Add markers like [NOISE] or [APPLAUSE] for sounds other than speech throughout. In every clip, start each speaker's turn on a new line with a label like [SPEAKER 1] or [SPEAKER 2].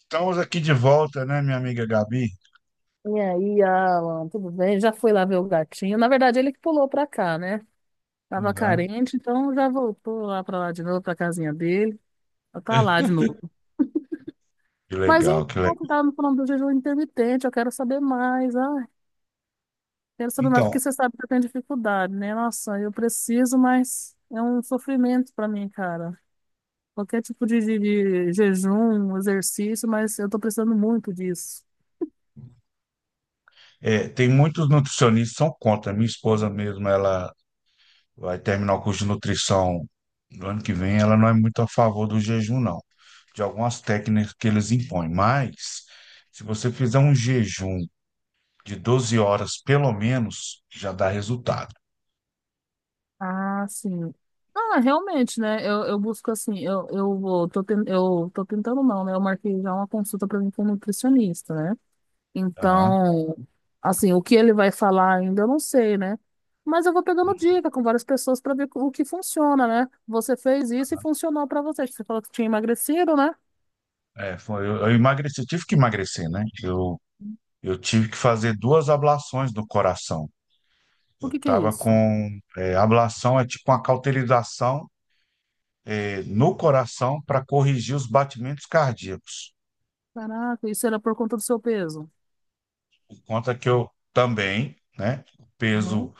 [SPEAKER 1] Estamos aqui de volta, né, minha amiga Gabi?
[SPEAKER 2] E aí, Alan, tudo bem? Já fui lá ver o gatinho. Na verdade, ele que pulou pra cá, né? Tava
[SPEAKER 1] Uhum.
[SPEAKER 2] carente, então já voltou lá pra lá de novo, pra casinha dele. Já tá lá de novo.
[SPEAKER 1] [LAUGHS] Que
[SPEAKER 2] Mas
[SPEAKER 1] legal, que
[SPEAKER 2] então, você
[SPEAKER 1] legal.
[SPEAKER 2] tava me falando do jejum intermitente, eu quero saber mais. Ah, quero saber mais, porque
[SPEAKER 1] Então,
[SPEAKER 2] você sabe que eu tenho dificuldade, né? Nossa, eu preciso, mas é um sofrimento pra mim, cara. Qualquer tipo de, de jejum, exercício, mas eu tô precisando muito disso.
[SPEAKER 1] é, tem muitos nutricionistas que são contra. Minha esposa mesmo, ela vai terminar o curso de nutrição no ano que vem, ela não é muito a favor do jejum, não. De algumas técnicas que eles impõem. Mas, se você fizer um jejum de 12 horas, pelo menos, já dá resultado.
[SPEAKER 2] Ah, sim. Ah, realmente, né? Eu busco assim, eu tô tentando não, né? Eu marquei já uma consulta para mim com um nutricionista, né?
[SPEAKER 1] Aham.
[SPEAKER 2] Então, assim, o que ele vai falar ainda eu não sei, né? Mas eu vou pegando dica com várias pessoas para ver o que funciona, né? Você fez isso e funcionou para você. Você falou que tinha emagrecido, né?
[SPEAKER 1] É, foi, eu emagreci, tive que emagrecer, né? Eu tive que fazer 2 ablações do coração.
[SPEAKER 2] O que que é
[SPEAKER 1] Estava
[SPEAKER 2] isso?
[SPEAKER 1] com ablação, é tipo uma cauterização no coração para corrigir os batimentos cardíacos.
[SPEAKER 2] Caraca, isso era por conta do seu peso.
[SPEAKER 1] Por conta que eu também, né, peso,
[SPEAKER 2] Uhum.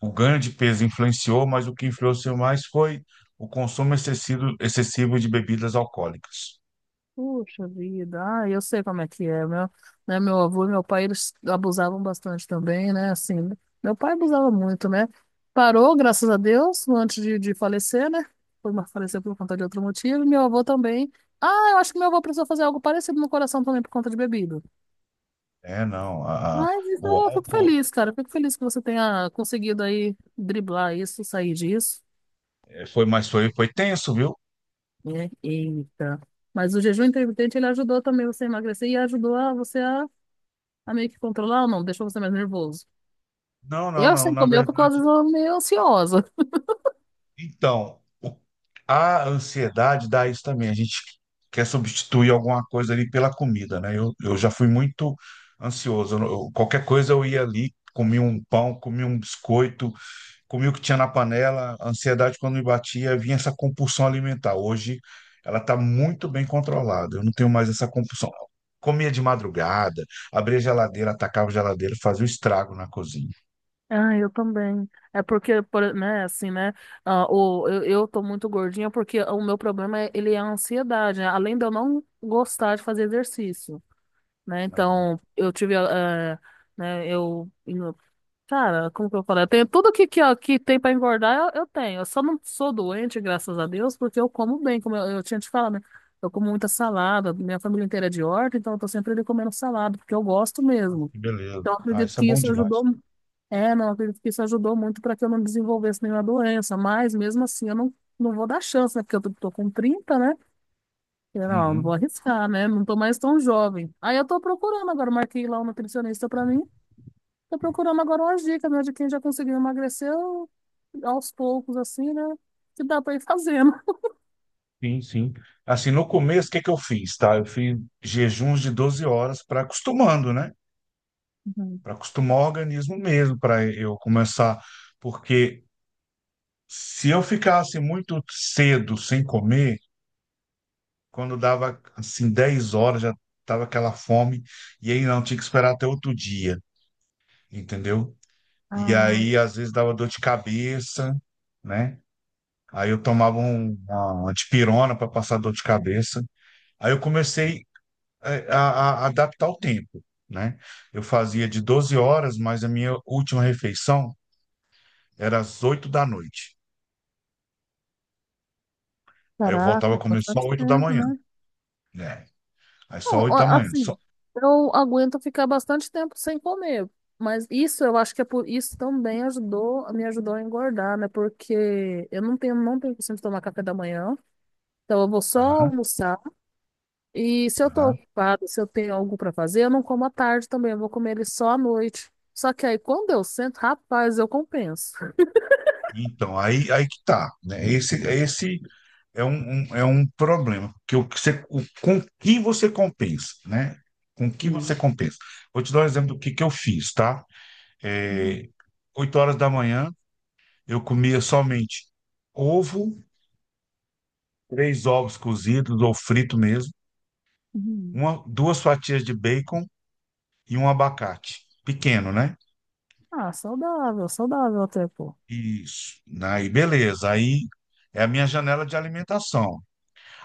[SPEAKER 1] o ganho de peso influenciou, mas o que influenciou mais foi o consumo excessivo, excessivo de bebidas alcoólicas.
[SPEAKER 2] Puxa vida, ah, eu sei como é que é. Né, meu avô e meu pai, eles abusavam bastante também, né? Assim, né. Meu pai abusava muito, né? Parou, graças a Deus, antes de falecer, né? Faleceu por conta de outro motivo. E meu avô também. Ah, eu acho que meu avô precisou fazer algo parecido no coração também por conta de bebida.
[SPEAKER 1] É, não,
[SPEAKER 2] Mas
[SPEAKER 1] o
[SPEAKER 2] então, eu fico
[SPEAKER 1] álcool
[SPEAKER 2] feliz, cara. Eu fico feliz que você tenha conseguido aí driblar isso, sair disso,
[SPEAKER 1] foi mais foi tenso, viu?
[SPEAKER 2] né? Eita. Mas o jejum intermitente, ele ajudou também você a emagrecer e ajudou a você a meio que controlar ou não? Deixou você mais nervoso.
[SPEAKER 1] Não, não,
[SPEAKER 2] Eu,
[SPEAKER 1] não,
[SPEAKER 2] sem
[SPEAKER 1] na
[SPEAKER 2] comer, eu fico
[SPEAKER 1] verdade.
[SPEAKER 2] às vezes meio ansiosa.
[SPEAKER 1] Então, o- a ansiedade dá isso também. A gente quer substituir alguma coisa ali pela comida, né? Eu já fui muito ansioso. Qualquer coisa eu ia ali, comia um pão, comia um biscoito, comia o que tinha na panela. A ansiedade, quando me batia, vinha essa compulsão alimentar. Hoje ela está muito bem controlada. Eu não tenho mais essa compulsão. Comia de madrugada, abria a geladeira, atacava a geladeira, fazia o estrago na cozinha.
[SPEAKER 2] Ah, eu também. É porque, né, assim, né, ah, eu tô muito gordinha porque o meu problema, é, ele é a ansiedade, né? Além de eu não gostar de fazer exercício, né? Então, eu tive, ah, né, eu Cara, como que eu falei? Eu tenho tudo que, ó, que tem pra engordar, eu tenho. Eu só não sou doente, graças a Deus, porque eu como bem, como eu tinha te falado, né? Eu como muita salada, minha família inteira é de horta, então eu tô sempre ali comendo salada, porque eu gosto
[SPEAKER 1] Ah,
[SPEAKER 2] mesmo.
[SPEAKER 1] que beleza.
[SPEAKER 2] Então eu
[SPEAKER 1] Ah,
[SPEAKER 2] acredito
[SPEAKER 1] isso é
[SPEAKER 2] que
[SPEAKER 1] bom
[SPEAKER 2] isso
[SPEAKER 1] demais.
[SPEAKER 2] ajudou. É, não, eu acredito que isso ajudou muito para que eu não desenvolvesse nenhuma doença, mas mesmo assim eu não vou dar chance, né? Porque eu tô com 30, né? Não, não vou
[SPEAKER 1] Uhum.
[SPEAKER 2] arriscar, né? Não tô mais tão jovem. Aí eu tô procurando agora, marquei lá um nutricionista para mim. Tô procurando agora umas dicas, né, de quem já conseguiu emagrecer aos poucos, assim, né? Que dá pra ir fazendo.
[SPEAKER 1] Sim, sim. Assim, no começo, o que que eu fiz, tá? Eu fiz jejuns de 12 horas para acostumando, né?
[SPEAKER 2] Uhum.
[SPEAKER 1] Para acostumar o organismo mesmo, para eu começar. Porque se eu ficasse muito cedo sem comer, quando dava, assim, 10 horas, já tava aquela fome, e aí não, tinha que esperar até outro dia, entendeu? E
[SPEAKER 2] Ah,
[SPEAKER 1] aí, às vezes, dava dor de cabeça, né? Aí eu tomava uma dipirona para passar dor de cabeça. Aí eu comecei é, a- adaptar o tempo, né? Eu fazia de 12 horas, mas a minha última refeição era às 8 da noite. Aí eu voltava a
[SPEAKER 2] caraca,
[SPEAKER 1] comer só
[SPEAKER 2] bastante
[SPEAKER 1] 8 da
[SPEAKER 2] tempo,
[SPEAKER 1] manhã,
[SPEAKER 2] né?
[SPEAKER 1] né? Aí só
[SPEAKER 2] Não, ó,
[SPEAKER 1] 8 da manhã, só.
[SPEAKER 2] assim, eu aguento ficar bastante tempo sem comer, mas isso eu acho que é por isso também ajudou, me ajudou a engordar, né? Porque eu não tenho costume de tomar café da manhã, então eu vou só
[SPEAKER 1] Aham,
[SPEAKER 2] almoçar. E se eu tô
[SPEAKER 1] aham.
[SPEAKER 2] ocupada, se eu tenho algo pra fazer, eu não como à tarde também, eu vou comer ele só à noite. Só que aí quando eu sento, rapaz, eu compenso.
[SPEAKER 1] Então, aí que tá, né? Esse é é um problema, que o que você, o, com que você compensa, né? Com que você
[SPEAKER 2] Hum,
[SPEAKER 1] compensa. Vou te dar um exemplo que eu fiz, tá?
[SPEAKER 2] hum,
[SPEAKER 1] É, 8 horas da manhã, eu comia somente ovo 3 ovos cozidos ou frito mesmo,
[SPEAKER 2] hum.
[SPEAKER 1] 2 fatias de bacon e um abacate. Pequeno, né?
[SPEAKER 2] Ah, saudável, saudável até, pô.
[SPEAKER 1] Isso. Aí, beleza. Aí é a minha janela de alimentação.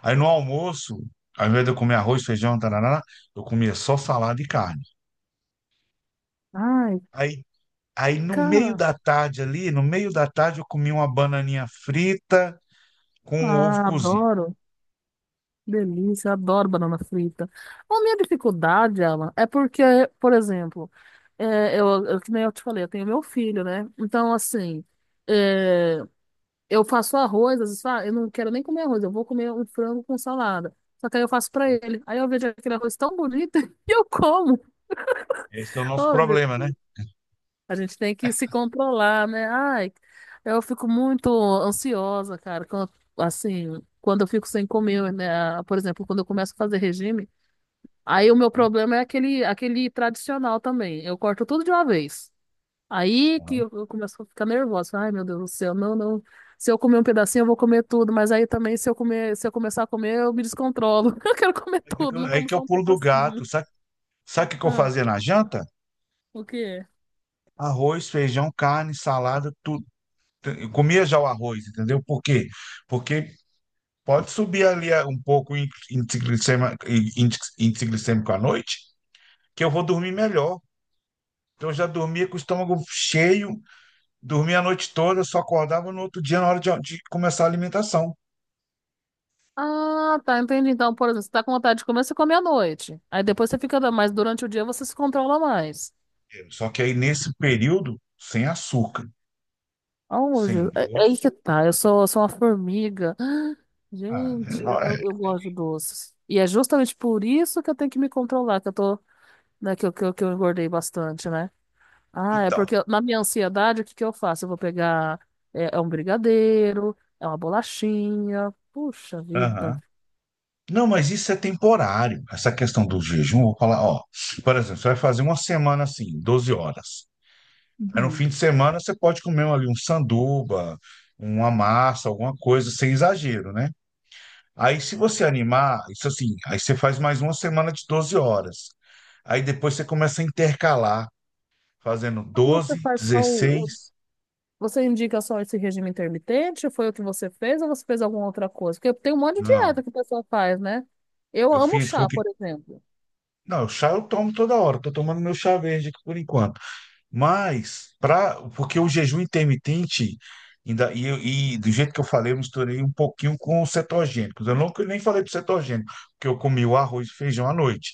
[SPEAKER 1] Aí no almoço, ao invés de eu comer arroz, feijão, tarará, eu comia só salada e carne.
[SPEAKER 2] Ai,
[SPEAKER 1] Aí, aí no meio
[SPEAKER 2] cara,
[SPEAKER 1] da tarde ali, no meio da tarde, eu comia uma bananinha frita com um ovo
[SPEAKER 2] ah,
[SPEAKER 1] cozido.
[SPEAKER 2] adoro. Delícia, adoro banana frita. A minha dificuldade, Alan, é porque, por exemplo, é, que nem eu te falei, eu tenho meu filho, né? Então, assim, é. Eu faço arroz, às vezes falo, "Ah, eu não quero nem comer arroz, eu vou comer um frango com salada." Só que aí eu faço pra ele. Aí eu vejo aquele arroz tão bonito [LAUGHS] e eu como.
[SPEAKER 1] Esse é o nosso
[SPEAKER 2] Hoje,
[SPEAKER 1] problema, né?
[SPEAKER 2] a gente tem que se controlar, né? Ai, eu fico muito ansiosa, cara, quando eu fico sem comer, né? Por exemplo, quando eu começo a fazer regime, aí o meu problema é aquele tradicional também. Eu corto tudo de uma vez. Aí que
[SPEAKER 1] Aham.
[SPEAKER 2] eu começo a ficar nervosa. Ai, meu Deus do céu, não, não. Se eu comer um pedacinho, eu vou comer tudo, mas aí também, se eu comer, se eu começar a comer, eu me descontrolo. [LAUGHS] Eu quero comer tudo, não
[SPEAKER 1] Aí
[SPEAKER 2] como
[SPEAKER 1] que eu
[SPEAKER 2] só um
[SPEAKER 1] pulo do gato.
[SPEAKER 2] pedacinho.
[SPEAKER 1] Sabe, sabe o que que eu
[SPEAKER 2] Ah,
[SPEAKER 1] fazia na janta?
[SPEAKER 2] o quê?
[SPEAKER 1] Arroz, feijão, carne, salada, tudo. Eu comia já o arroz, entendeu? Por quê? Porque pode subir ali um pouco o índice glicêmico à noite, que eu vou dormir melhor. Então eu já dormia com o estômago cheio, dormia a noite toda, eu só acordava no outro dia na hora de começar a alimentação.
[SPEAKER 2] Ah, tá, entendi. Então, por exemplo, você tá com vontade de comer, você come à noite. Aí depois você fica, mas durante o dia você se controla mais.
[SPEAKER 1] Só que aí nesse período, sem açúcar,
[SPEAKER 2] Ah, meu
[SPEAKER 1] sem
[SPEAKER 2] Deus. É aí
[SPEAKER 1] doce.
[SPEAKER 2] que tá, eu sou uma formiga. [GASPS]
[SPEAKER 1] Ah,
[SPEAKER 2] Gente,
[SPEAKER 1] não
[SPEAKER 2] eu,
[SPEAKER 1] é.
[SPEAKER 2] eu eu gosto de doces. E é justamente por isso que eu tenho que me controlar, que eu tô, né, que eu engordei bastante, né? Ah, é
[SPEAKER 1] Então.
[SPEAKER 2] porque na minha ansiedade, o que que eu faço? Eu vou pegar, é um brigadeiro, é uma bolachinha. Puxa vida.
[SPEAKER 1] Aham. Não, mas isso é temporário. Essa questão do jejum, eu vou falar, ó, por exemplo, você vai fazer uma semana assim, 12 horas. Aí no fim
[SPEAKER 2] Uhum.
[SPEAKER 1] de semana você pode comer ali um sanduba, uma massa, alguma coisa, sem exagero, né? Aí se você animar, isso assim, aí você faz mais uma semana de 12 horas. Aí depois você começa a intercalar, fazendo
[SPEAKER 2] Você
[SPEAKER 1] 12,
[SPEAKER 2] faz só o-
[SPEAKER 1] 16.
[SPEAKER 2] Você indica só esse regime intermitente? Foi o que você fez ou você fez alguma outra coisa? Porque tem um monte de
[SPEAKER 1] Não,
[SPEAKER 2] dieta que o pessoal faz, né? Eu
[SPEAKER 1] eu
[SPEAKER 2] amo
[SPEAKER 1] fiz
[SPEAKER 2] chá,
[SPEAKER 1] porque.
[SPEAKER 2] por exemplo.
[SPEAKER 1] Não, o chá eu tomo toda hora, tô tomando meu chá verde aqui por enquanto. Mas, pra, porque o jejum intermitente, ainda, e do jeito que eu falei, eu misturei um pouquinho com os cetogênicos. Eu nunca nem falei do cetogênico, porque eu comi o arroz e feijão à noite.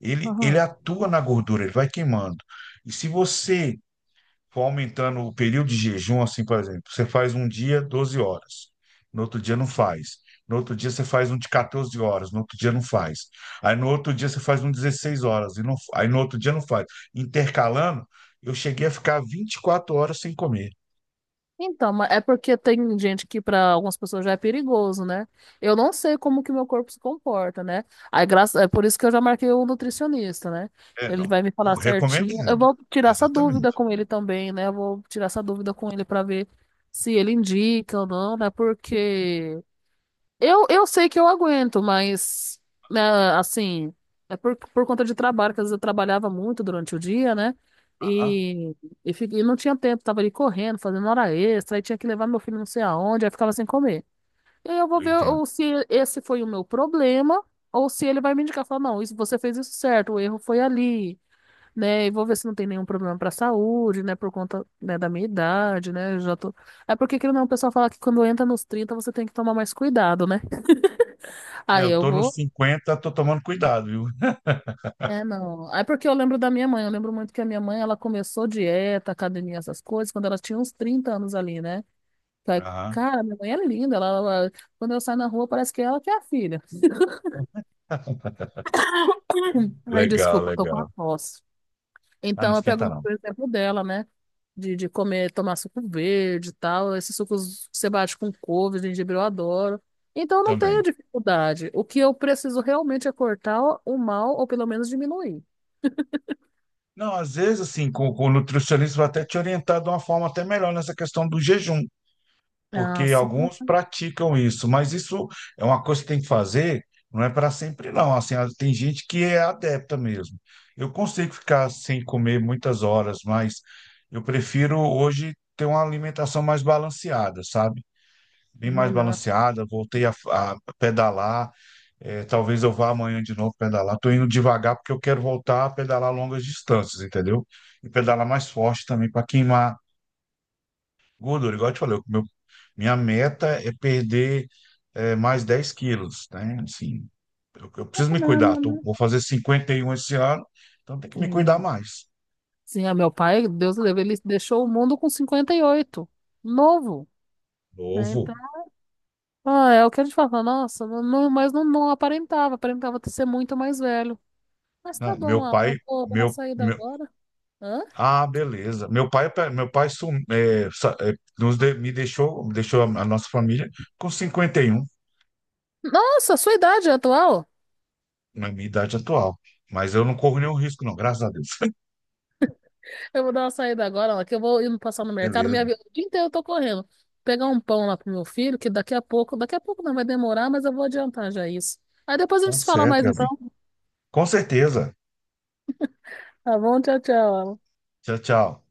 [SPEAKER 1] Ele atua na gordura, ele vai queimando. E se você for aumentando o período de jejum, assim, por exemplo, você faz um dia 12 horas, no outro dia não faz. No outro dia você faz um de 14 horas, no outro dia não faz. Aí no outro dia você faz um de 16 horas, aí no outro dia não faz. Intercalando, eu cheguei a ficar 24 horas sem comer.
[SPEAKER 2] Então, é porque tem gente que para algumas pessoas já é perigoso, né? Eu não sei como que meu corpo se comporta, né? Aí, é por isso que eu já marquei o nutricionista, né?
[SPEAKER 1] É,
[SPEAKER 2] Ele
[SPEAKER 1] não.
[SPEAKER 2] vai me falar
[SPEAKER 1] O
[SPEAKER 2] certinho. Eu
[SPEAKER 1] recomendado.
[SPEAKER 2] vou tirar essa dúvida
[SPEAKER 1] Exatamente.
[SPEAKER 2] com ele também, né? Eu vou tirar essa dúvida com ele para ver se ele indica ou não, né? Porque eu sei que eu aguento, mas, né, assim, é por conta de trabalho, que às vezes eu trabalhava muito durante o dia, né?
[SPEAKER 1] Aham,
[SPEAKER 2] E, e não tinha tempo, tava ali correndo, fazendo hora extra, aí tinha que levar meu filho não sei aonde, aí ficava sem comer. E aí eu vou
[SPEAKER 1] eu
[SPEAKER 2] ver
[SPEAKER 1] entendo.
[SPEAKER 2] ou se esse foi o meu problema, ou se ele vai me indicar, falar, não, isso, você fez isso certo, o erro foi ali, né? E vou ver se não tem nenhum problema pra saúde, né? Por conta, né, da minha idade, né? Eu já tô... É porque, querendo ou não, o pessoal fala que quando entra nos 30 você tem que tomar mais cuidado, né?
[SPEAKER 1] É,
[SPEAKER 2] Aí
[SPEAKER 1] eu
[SPEAKER 2] eu
[SPEAKER 1] tô nos
[SPEAKER 2] vou.
[SPEAKER 1] cinquenta, tô tomando cuidado, viu?
[SPEAKER 2] É, não. É porque eu lembro da minha mãe. Eu lembro muito que a minha mãe, ela começou dieta, academia, essas coisas, quando ela tinha uns 30 anos ali, né? Aí,
[SPEAKER 1] Aham.
[SPEAKER 2] cara, minha mãe é linda. Quando eu saio na rua, parece que é ela que é a filha.
[SPEAKER 1] [LAUGHS]
[SPEAKER 2] Ai,
[SPEAKER 1] Legal,
[SPEAKER 2] desculpa, eu tô com a
[SPEAKER 1] legal.
[SPEAKER 2] tosse.
[SPEAKER 1] Ah, não
[SPEAKER 2] Então, eu pego
[SPEAKER 1] esquenta
[SPEAKER 2] muito
[SPEAKER 1] não.
[SPEAKER 2] o exemplo dela, né? De comer, tomar suco verde e tal. Esses sucos que você bate com couve, gengibre, eu adoro. Então, eu não tenho
[SPEAKER 1] Também.
[SPEAKER 2] dificuldade. O que eu preciso realmente é cortar o mal, ou pelo menos diminuir.
[SPEAKER 1] Não, às vezes, assim, com o nutricionista vai até te orientar de uma forma até melhor nessa questão do jejum,
[SPEAKER 2] Ah,
[SPEAKER 1] porque
[SPEAKER 2] sim,
[SPEAKER 1] alguns praticam isso, mas isso é uma coisa que tem que fazer, não é para sempre, não. Assim, tem gente que é adepta mesmo. Eu consigo ficar sem comer muitas horas, mas eu prefiro hoje ter uma alimentação mais balanceada, sabe? Bem
[SPEAKER 2] é
[SPEAKER 1] mais
[SPEAKER 2] melhor.
[SPEAKER 1] balanceada, voltei a pedalar. É, talvez eu vá amanhã de novo pedalar. Estou indo devagar porque eu quero voltar a pedalar longas distâncias, entendeu? E pedalar mais forte também para queimar gordura. Igual eu te falei, minha meta é perder mais 10 quilos, né? Assim, eu preciso me
[SPEAKER 2] Não,
[SPEAKER 1] cuidar. Vou fazer 51 esse ano, então tem que me cuidar
[SPEAKER 2] Sim.
[SPEAKER 1] mais.
[SPEAKER 2] Sim, a meu pai, Deus o livre, ele deixou o mundo com 58 novo, né?
[SPEAKER 1] Novo,
[SPEAKER 2] Então, ah, é o que a gente fala, nossa, mas não, não aparentava ter ser muito mais velho. Mas tá
[SPEAKER 1] né?
[SPEAKER 2] bom,
[SPEAKER 1] Meu
[SPEAKER 2] Alan,
[SPEAKER 1] pai,
[SPEAKER 2] eu vou dar uma
[SPEAKER 1] meu
[SPEAKER 2] saída agora. Hã?
[SPEAKER 1] Ah, beleza. Meu pai sum, é, sa- é, nos de- me deixou, deixou a nossa família com 51
[SPEAKER 2] Nossa, sua idade é atual?
[SPEAKER 1] na minha idade atual. Mas eu não corro nenhum risco, não, graças a Deus.
[SPEAKER 2] Eu vou dar uma saída agora, Alan, que eu vou indo passar no
[SPEAKER 1] [LAUGHS]
[SPEAKER 2] mercado,
[SPEAKER 1] Beleza.
[SPEAKER 2] minha vida, o dia inteiro eu tô correndo. Pegar um pão lá pro meu filho, que daqui a pouco não vai demorar, mas eu vou adiantar já isso. Aí depois a
[SPEAKER 1] Tá
[SPEAKER 2] gente se fala
[SPEAKER 1] certo,
[SPEAKER 2] mais então,
[SPEAKER 1] Gabi. Com certeza.
[SPEAKER 2] tá bom? Tchau, tchau, Alan.
[SPEAKER 1] Tchau, tchau.